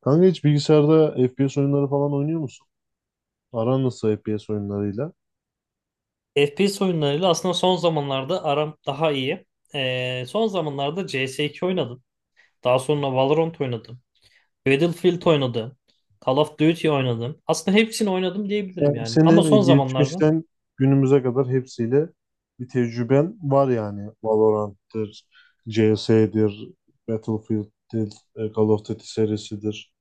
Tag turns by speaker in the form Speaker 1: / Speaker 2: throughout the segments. Speaker 1: Kanka hiç bilgisayarda FPS oyunları falan oynuyor musun? Aran nasıl FPS oyunlarıyla?
Speaker 2: FPS oyunlarıyla aslında son zamanlarda aram daha iyi. Son zamanlarda CS2 oynadım. Daha sonra Valorant oynadım. Battlefield oynadım. Call of Duty oynadım. Aslında hepsini oynadım diyebilirim
Speaker 1: Yani
Speaker 2: yani. Ama
Speaker 1: seni
Speaker 2: son zamanlarda
Speaker 1: geçmişten günümüze kadar hepsiyle bir tecrüben var yani. Valorant'tır, CS'dir, Battlefield'dir, Call of Duty serisidir.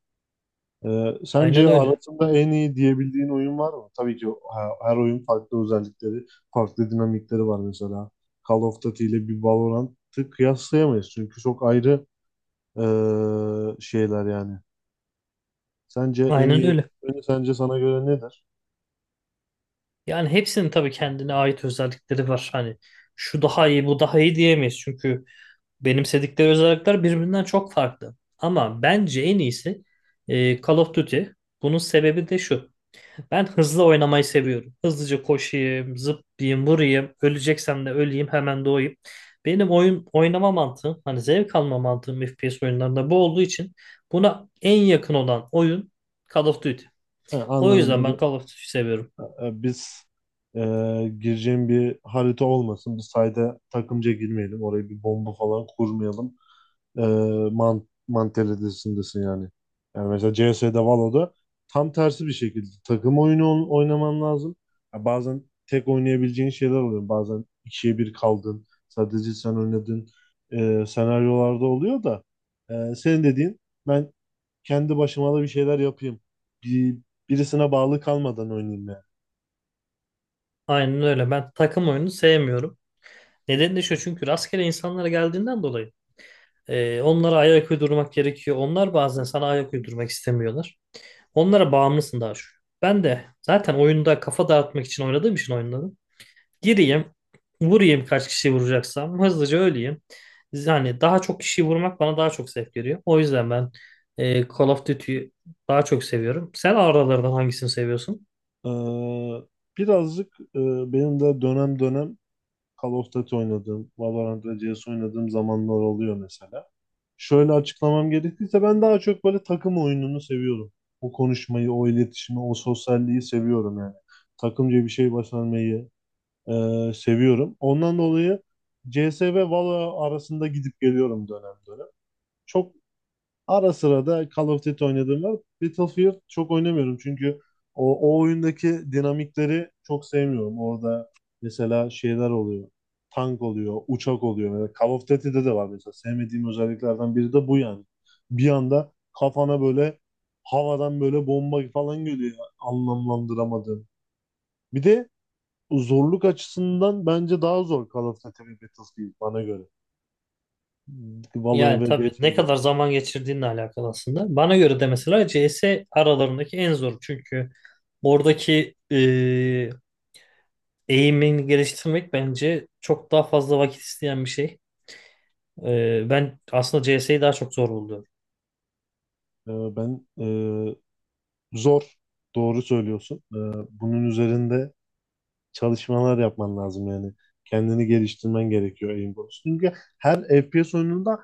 Speaker 1: E,
Speaker 2: aynen
Speaker 1: Sence
Speaker 2: öyle.
Speaker 1: arasında en iyi diyebildiğin oyun var mı? Tabii ki her oyun farklı özellikleri, farklı dinamikleri var mesela. Call of Duty ile bir Valorant'ı kıyaslayamayız çünkü çok ayrı e, şeyler yani. Sence en
Speaker 2: Aynen
Speaker 1: iyi
Speaker 2: öyle.
Speaker 1: ürünü sence sana göre nedir?
Speaker 2: Yani hepsinin tabii kendine ait özellikleri var. Hani şu daha iyi, bu daha iyi diyemeyiz. Çünkü benimsedikleri özellikler birbirinden çok farklı. Ama bence en iyisi Call of Duty. Bunun sebebi de şu. Ben hızlı oynamayı seviyorum. Hızlıca koşayım, zıplayayım, vurayım. Öleceksem de öleyim, hemen doğayım. Benim oyun oynama mantığım, hani zevk alma mantığım FPS oyunlarında bu olduğu için buna en yakın olan oyun Call of Duty.
Speaker 1: He,
Speaker 2: O
Speaker 1: anladım
Speaker 2: yüzden ben
Speaker 1: böyle.
Speaker 2: Call of Duty seviyorum.
Speaker 1: Biz e, gireceğim bir harita olmasın. Biz sayda takımca girmeyelim. Oraya bir bomba falan kurmayalım. E, Mantalitesindesin yani. Yani mesela CS'de Valo'da tam tersi bir şekilde takım oyunu oynaman lazım. Ya bazen tek oynayabileceğin şeyler oluyor. Bazen ikiye bir kaldın. Sadece sen oynadın. Senaryolarda oluyor da senin dediğin ben kendi başıma da bir şeyler yapayım. Bir, Birisine bağlı kalmadan oynayayım yani.
Speaker 2: Aynen öyle. Ben takım oyunu sevmiyorum. Nedeni de şu, çünkü rastgele insanlara geldiğinden dolayı onlara ayak uydurmak gerekiyor. Onlar bazen sana ayak uydurmak istemiyorlar. Onlara bağımlısın daha şu. Ben de zaten oyunda kafa dağıtmak için oynadığım için oyunları. Gireyim, vurayım kaç kişi vuracaksam, hızlıca öleyim. Yani daha çok kişiyi vurmak bana daha çok zevk veriyor. O yüzden ben Call of Duty'yi daha çok seviyorum. Sen aralardan hangisini seviyorsun?
Speaker 1: Ee, Birazcık benim de dönem dönem Call of Duty oynadığım, Valorant ve CS oynadığım zamanlar oluyor mesela. Şöyle açıklamam gerekirse ben daha çok böyle takım oyununu seviyorum. O konuşmayı, o iletişimi, o sosyalliği seviyorum yani. Takımca bir şey başarmayı e, seviyorum. Ondan dolayı CS ve Valo arasında gidip geliyorum dönem dönem. Çok Ara sıra da Call of Duty oynadığım var. Battlefield çok oynamıyorum çünkü o oyundaki dinamikleri çok sevmiyorum. Orada mesela şeyler oluyor. Tank oluyor, uçak oluyor. Mesela Call of Duty'de de var mesela. Sevmediğim özelliklerden biri de bu yani. Bir anda kafana böyle havadan böyle bomba falan geliyor anlamlandıramadığım. Bir de zorluk açısından bence daha zor Call of Duty ve Battlefield bana göre. Valo'ya
Speaker 2: Yani
Speaker 1: ve
Speaker 2: tabii
Speaker 1: DC'ye
Speaker 2: ne kadar
Speaker 1: göre.
Speaker 2: zaman geçirdiğinle alakalı aslında. Bana göre de mesela CS aralarındaki en zoru. Çünkü oradaki eğimini geliştirmek bence çok daha fazla vakit isteyen bir şey. Ben aslında CS'yi daha çok zor buldum.
Speaker 1: Ben Zor. Doğru söylüyorsun. Bunun üzerinde çalışmalar yapman lazım yani. Kendini geliştirmen gerekiyor aim konusunda. Çünkü her FPS oyununda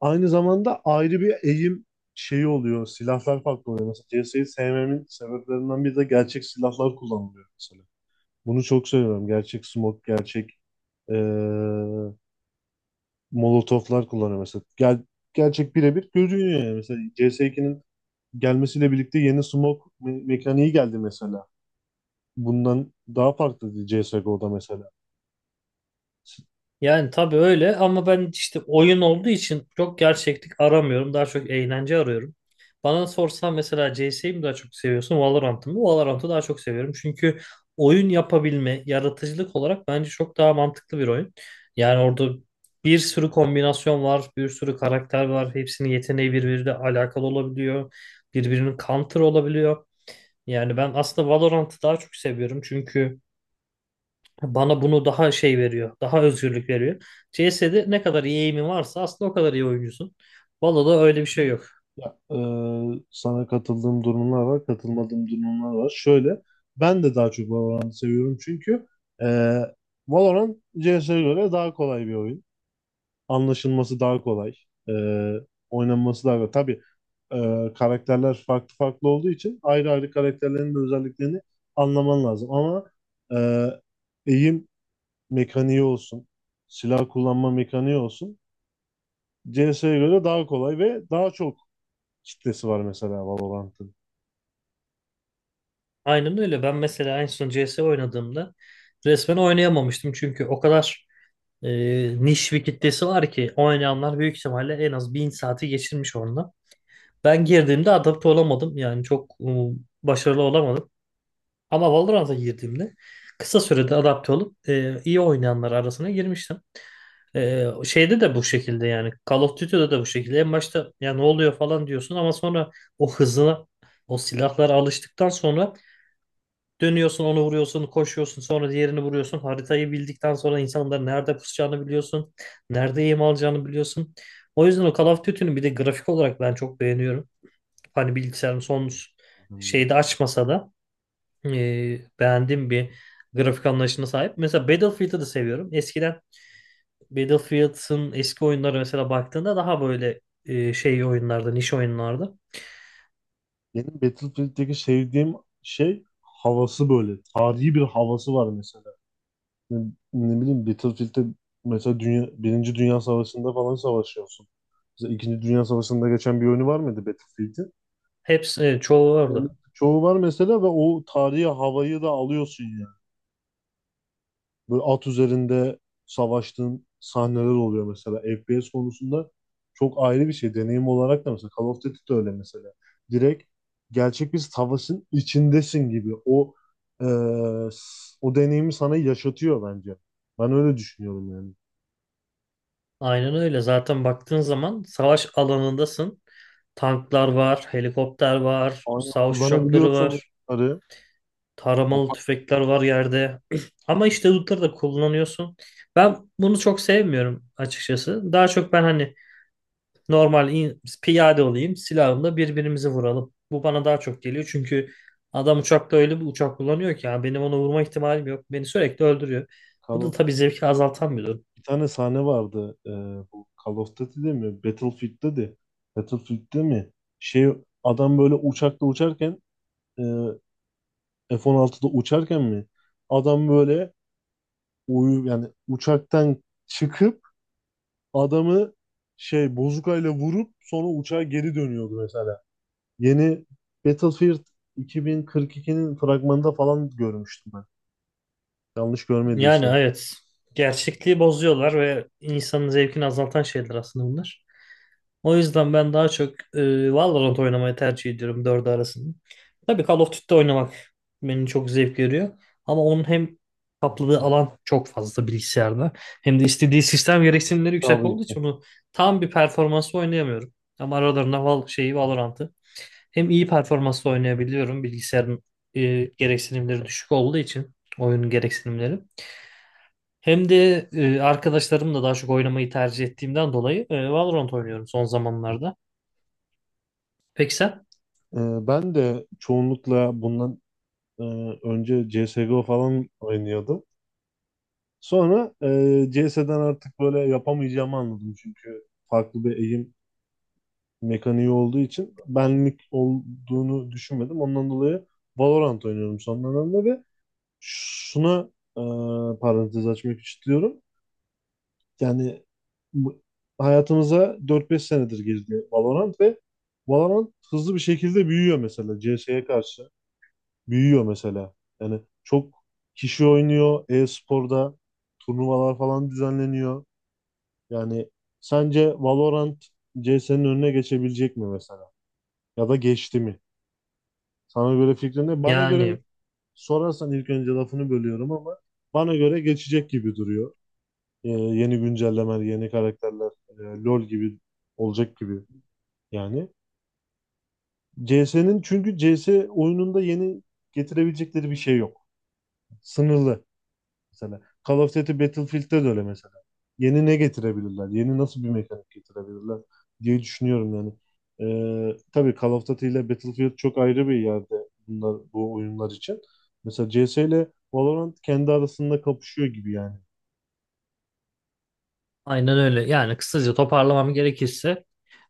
Speaker 1: aynı zamanda ayrı bir aim şeyi oluyor. Silahlar farklı oluyor. Mesela CS'yi sevmemin sebeplerinden biri de gerçek silahlar kullanılıyor mesela. Bunu çok seviyorum. Gerçek smoke, gerçek ee, molotoflar kullanıyor mesela. Gerçek birebir görünüyor yani. Mesela CS2'nin gelmesiyle birlikte yeni smoke mekaniği geldi mesela. Bundan daha farklı CSGO'da mesela.
Speaker 2: Yani tabii öyle, ama ben işte oyun olduğu için çok gerçeklik aramıyorum. Daha çok eğlence arıyorum. Bana sorsan mesela CS'yi mi daha çok seviyorsun, Valorant'ı mı? Valorant'ı daha çok seviyorum. Çünkü oyun yapabilme, yaratıcılık olarak bence çok daha mantıklı bir oyun. Yani orada bir sürü kombinasyon var, bir sürü karakter var. Hepsinin yeteneği birbiriyle alakalı olabiliyor. Birbirinin counter olabiliyor. Yani ben aslında Valorant'ı daha çok seviyorum. Çünkü bana bunu daha şey veriyor. Daha özgürlük veriyor. CS'de ne kadar iyi eğimin varsa aslında o kadar iyi oyuncusun. Valo'da öyle bir şey yok.
Speaker 1: Ya, sana katıldığım durumlar var, katılmadığım durumlar var. Şöyle, ben de daha çok Valorant'ı seviyorum çünkü e, Valorant CS'ye göre daha kolay bir oyun. Anlaşılması daha kolay. E, Oynanması daha kolay. Tabii karakterler farklı farklı olduğu için ayrı ayrı karakterlerin de özelliklerini anlaman lazım. Ama e, eğim mekaniği olsun, silah kullanma mekaniği olsun CS'ye göre daha kolay ve daha çok kitlesi var mesela Valorant'ın.
Speaker 2: Aynen öyle. Ben mesela en son CS oynadığımda resmen oynayamamıştım. Çünkü o kadar e, niş bir kitlesi var ki oynayanlar büyük ihtimalle en az bin saati geçirmiş onunla. Ben girdiğimde adapte olamadım. Yani çok başarılı olamadım. Ama Valorant'a girdiğimde kısa sürede adapte olup iyi oynayanlar arasına girmiştim. Şeyde de bu şekilde yani, Call of Duty'de de bu şekilde. En başta ya ne oluyor falan diyorsun ama sonra o hızına, o silahlara alıştıktan sonra dönüyorsun onu vuruyorsun, koşuyorsun sonra diğerini vuruyorsun. Haritayı bildikten sonra insanların nerede pusacağını biliyorsun. Nerede yem alacağını biliyorsun. O yüzden o Call of Duty'nin bir de grafik olarak ben çok beğeniyorum. Hani bilgisayarın son şeyde açmasa da e, beğendiğim bir grafik anlayışına sahip. Mesela Battlefield'ı da seviyorum. Eskiden Battlefield'ın eski oyunları mesela baktığında daha böyle şey oyunlarda, niş oyunlarda.
Speaker 1: Benim Battlefield'deki sevdiğim şey havası böyle. Tarihi bir havası var mesela. Ne, Ne bileyim Battlefield'de mesela dünya, Birinci Dünya Savaşı'nda falan savaşıyorsun. Mesela İkinci Dünya Savaşı'nda geçen bir oyunu var mıydı Battlefield'in?
Speaker 2: Hepsi, evet, çoğu
Speaker 1: Yani
Speaker 2: orada.
Speaker 1: çoğu var mesela ve o tarihi havayı da alıyorsun yani. Böyle at üzerinde savaştığın sahneler oluyor mesela. FPS konusunda çok ayrı bir şey. Deneyim olarak da mesela Call of Duty de öyle mesela. Direkt gerçek bir savaşın içindesin gibi. E, o deneyimi sana yaşatıyor bence. Ben öyle düşünüyorum yani.
Speaker 2: Aynen öyle. Zaten baktığın zaman savaş alanındasın. Tanklar var, helikopter var,
Speaker 1: Aynen
Speaker 2: savaş uçakları
Speaker 1: kullanabiliyorsun
Speaker 2: var,
Speaker 1: bunları. Ya
Speaker 2: taramalı
Speaker 1: bak,
Speaker 2: tüfekler var yerde. Ama işte bunları da kullanıyorsun. Ben bunu çok sevmiyorum açıkçası. Daha çok ben hani normal piyade olayım, silahımla birbirimizi vuralım. Bu bana daha çok geliyor, çünkü adam uçakta öyle bir uçak kullanıyor ki ya benim ona vurma ihtimalim yok. Beni sürekli öldürüyor. Bu
Speaker 1: Call
Speaker 2: da
Speaker 1: of
Speaker 2: tabii zevki azaltan bir durum.
Speaker 1: bir tane sahne vardı. Bu Call of Duty'de mi? Battlefield'de de. Battlefield'de mi? Şey Adam böyle uçakla uçarken, e, F-16'da uçarken mi? Adam böyle uyu yani uçaktan çıkıp adamı bozukayla vurup sonra uçağa geri dönüyordu mesela. Yeni Battlefield 2042'nin fragmanında falan görmüştüm ben. Yanlış
Speaker 2: Yani
Speaker 1: görmediysem.
Speaker 2: evet, gerçekliği bozuyorlar ve insanın zevkini azaltan şeyler aslında bunlar. O yüzden ben daha çok Valorant oynamayı tercih ediyorum dördü arasında. Tabii Call of Duty oynamak beni çok zevk veriyor. Ama onun hem kapladığı alan çok fazla bilgisayarda, hem de istediği sistem gereksinimleri yüksek
Speaker 1: Tabii
Speaker 2: olduğu
Speaker 1: ki.
Speaker 2: için onu tam bir performansla oynayamıyorum. Ama aralarında Valorant'ı hem iyi performansla oynayabiliyorum bilgisayarın, gereksinimleri düşük olduğu için oyunun gereksinimleri. Hem de arkadaşlarımla daha çok oynamayı tercih ettiğimden dolayı Valorant oynuyorum son zamanlarda. Peki sen?
Speaker 1: Ee, Ben de çoğunlukla bundan e, önce CSGO falan oynuyordum. Sonra CS'den artık böyle yapamayacağımı anladım çünkü farklı bir eğim mekaniği olduğu için benlik olduğunu düşünmedim. Ondan dolayı Valorant oynuyorum son dönemde ve şuna e, parantez açmak istiyorum. Yani bu- hayatımıza 4-5 senedir girdi Valorant ve Valorant hızlı bir şekilde büyüyor mesela CS'ye karşı. Büyüyor mesela. Yani çok kişi oynuyor. E-sporda turnuvalar falan düzenleniyor. Yani sence Valorant CS'nin önüne geçebilecek mi mesela? Ya da geçti mi? Sana göre fikrin ne? Bana göre
Speaker 2: Yani
Speaker 1: sorarsan ilk önce lafını bölüyorum ama bana göre geçecek gibi duruyor. Yeni güncellemeler, yeni karakterler, LoL gibi olacak gibi yani. CS'nin çünkü CS oyununda yeni getirebilecekleri bir şey yok. Sınırlı. Mesela Call of Duty Battlefield'de de öyle mesela. Yeni ne getirebilirler? Yeni nasıl bir mekanik getirebilirler diye düşünüyorum yani. Tabii Call of Duty ile Battlefield çok ayrı bir yerde bunlar bu oyunlar için. Mesela CS ile Valorant kendi arasında kapışıyor gibi yani.
Speaker 2: aynen öyle. Yani kısaca toparlamam gerekirse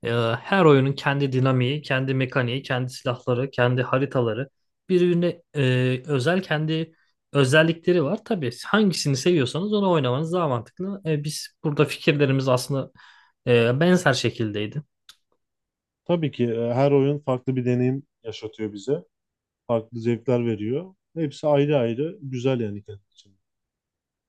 Speaker 2: e, her oyunun kendi dinamiği, kendi mekaniği, kendi silahları, kendi haritaları, birbirine özel kendi özellikleri var. Tabii hangisini seviyorsanız onu oynamanız daha mantıklı. Biz burada fikirlerimiz aslında benzer şekildeydi.
Speaker 1: Tabii ki her oyun farklı bir deneyim yaşatıyor bize. Farklı zevkler veriyor. Hepsi ayrı ayrı güzel yani kendi için.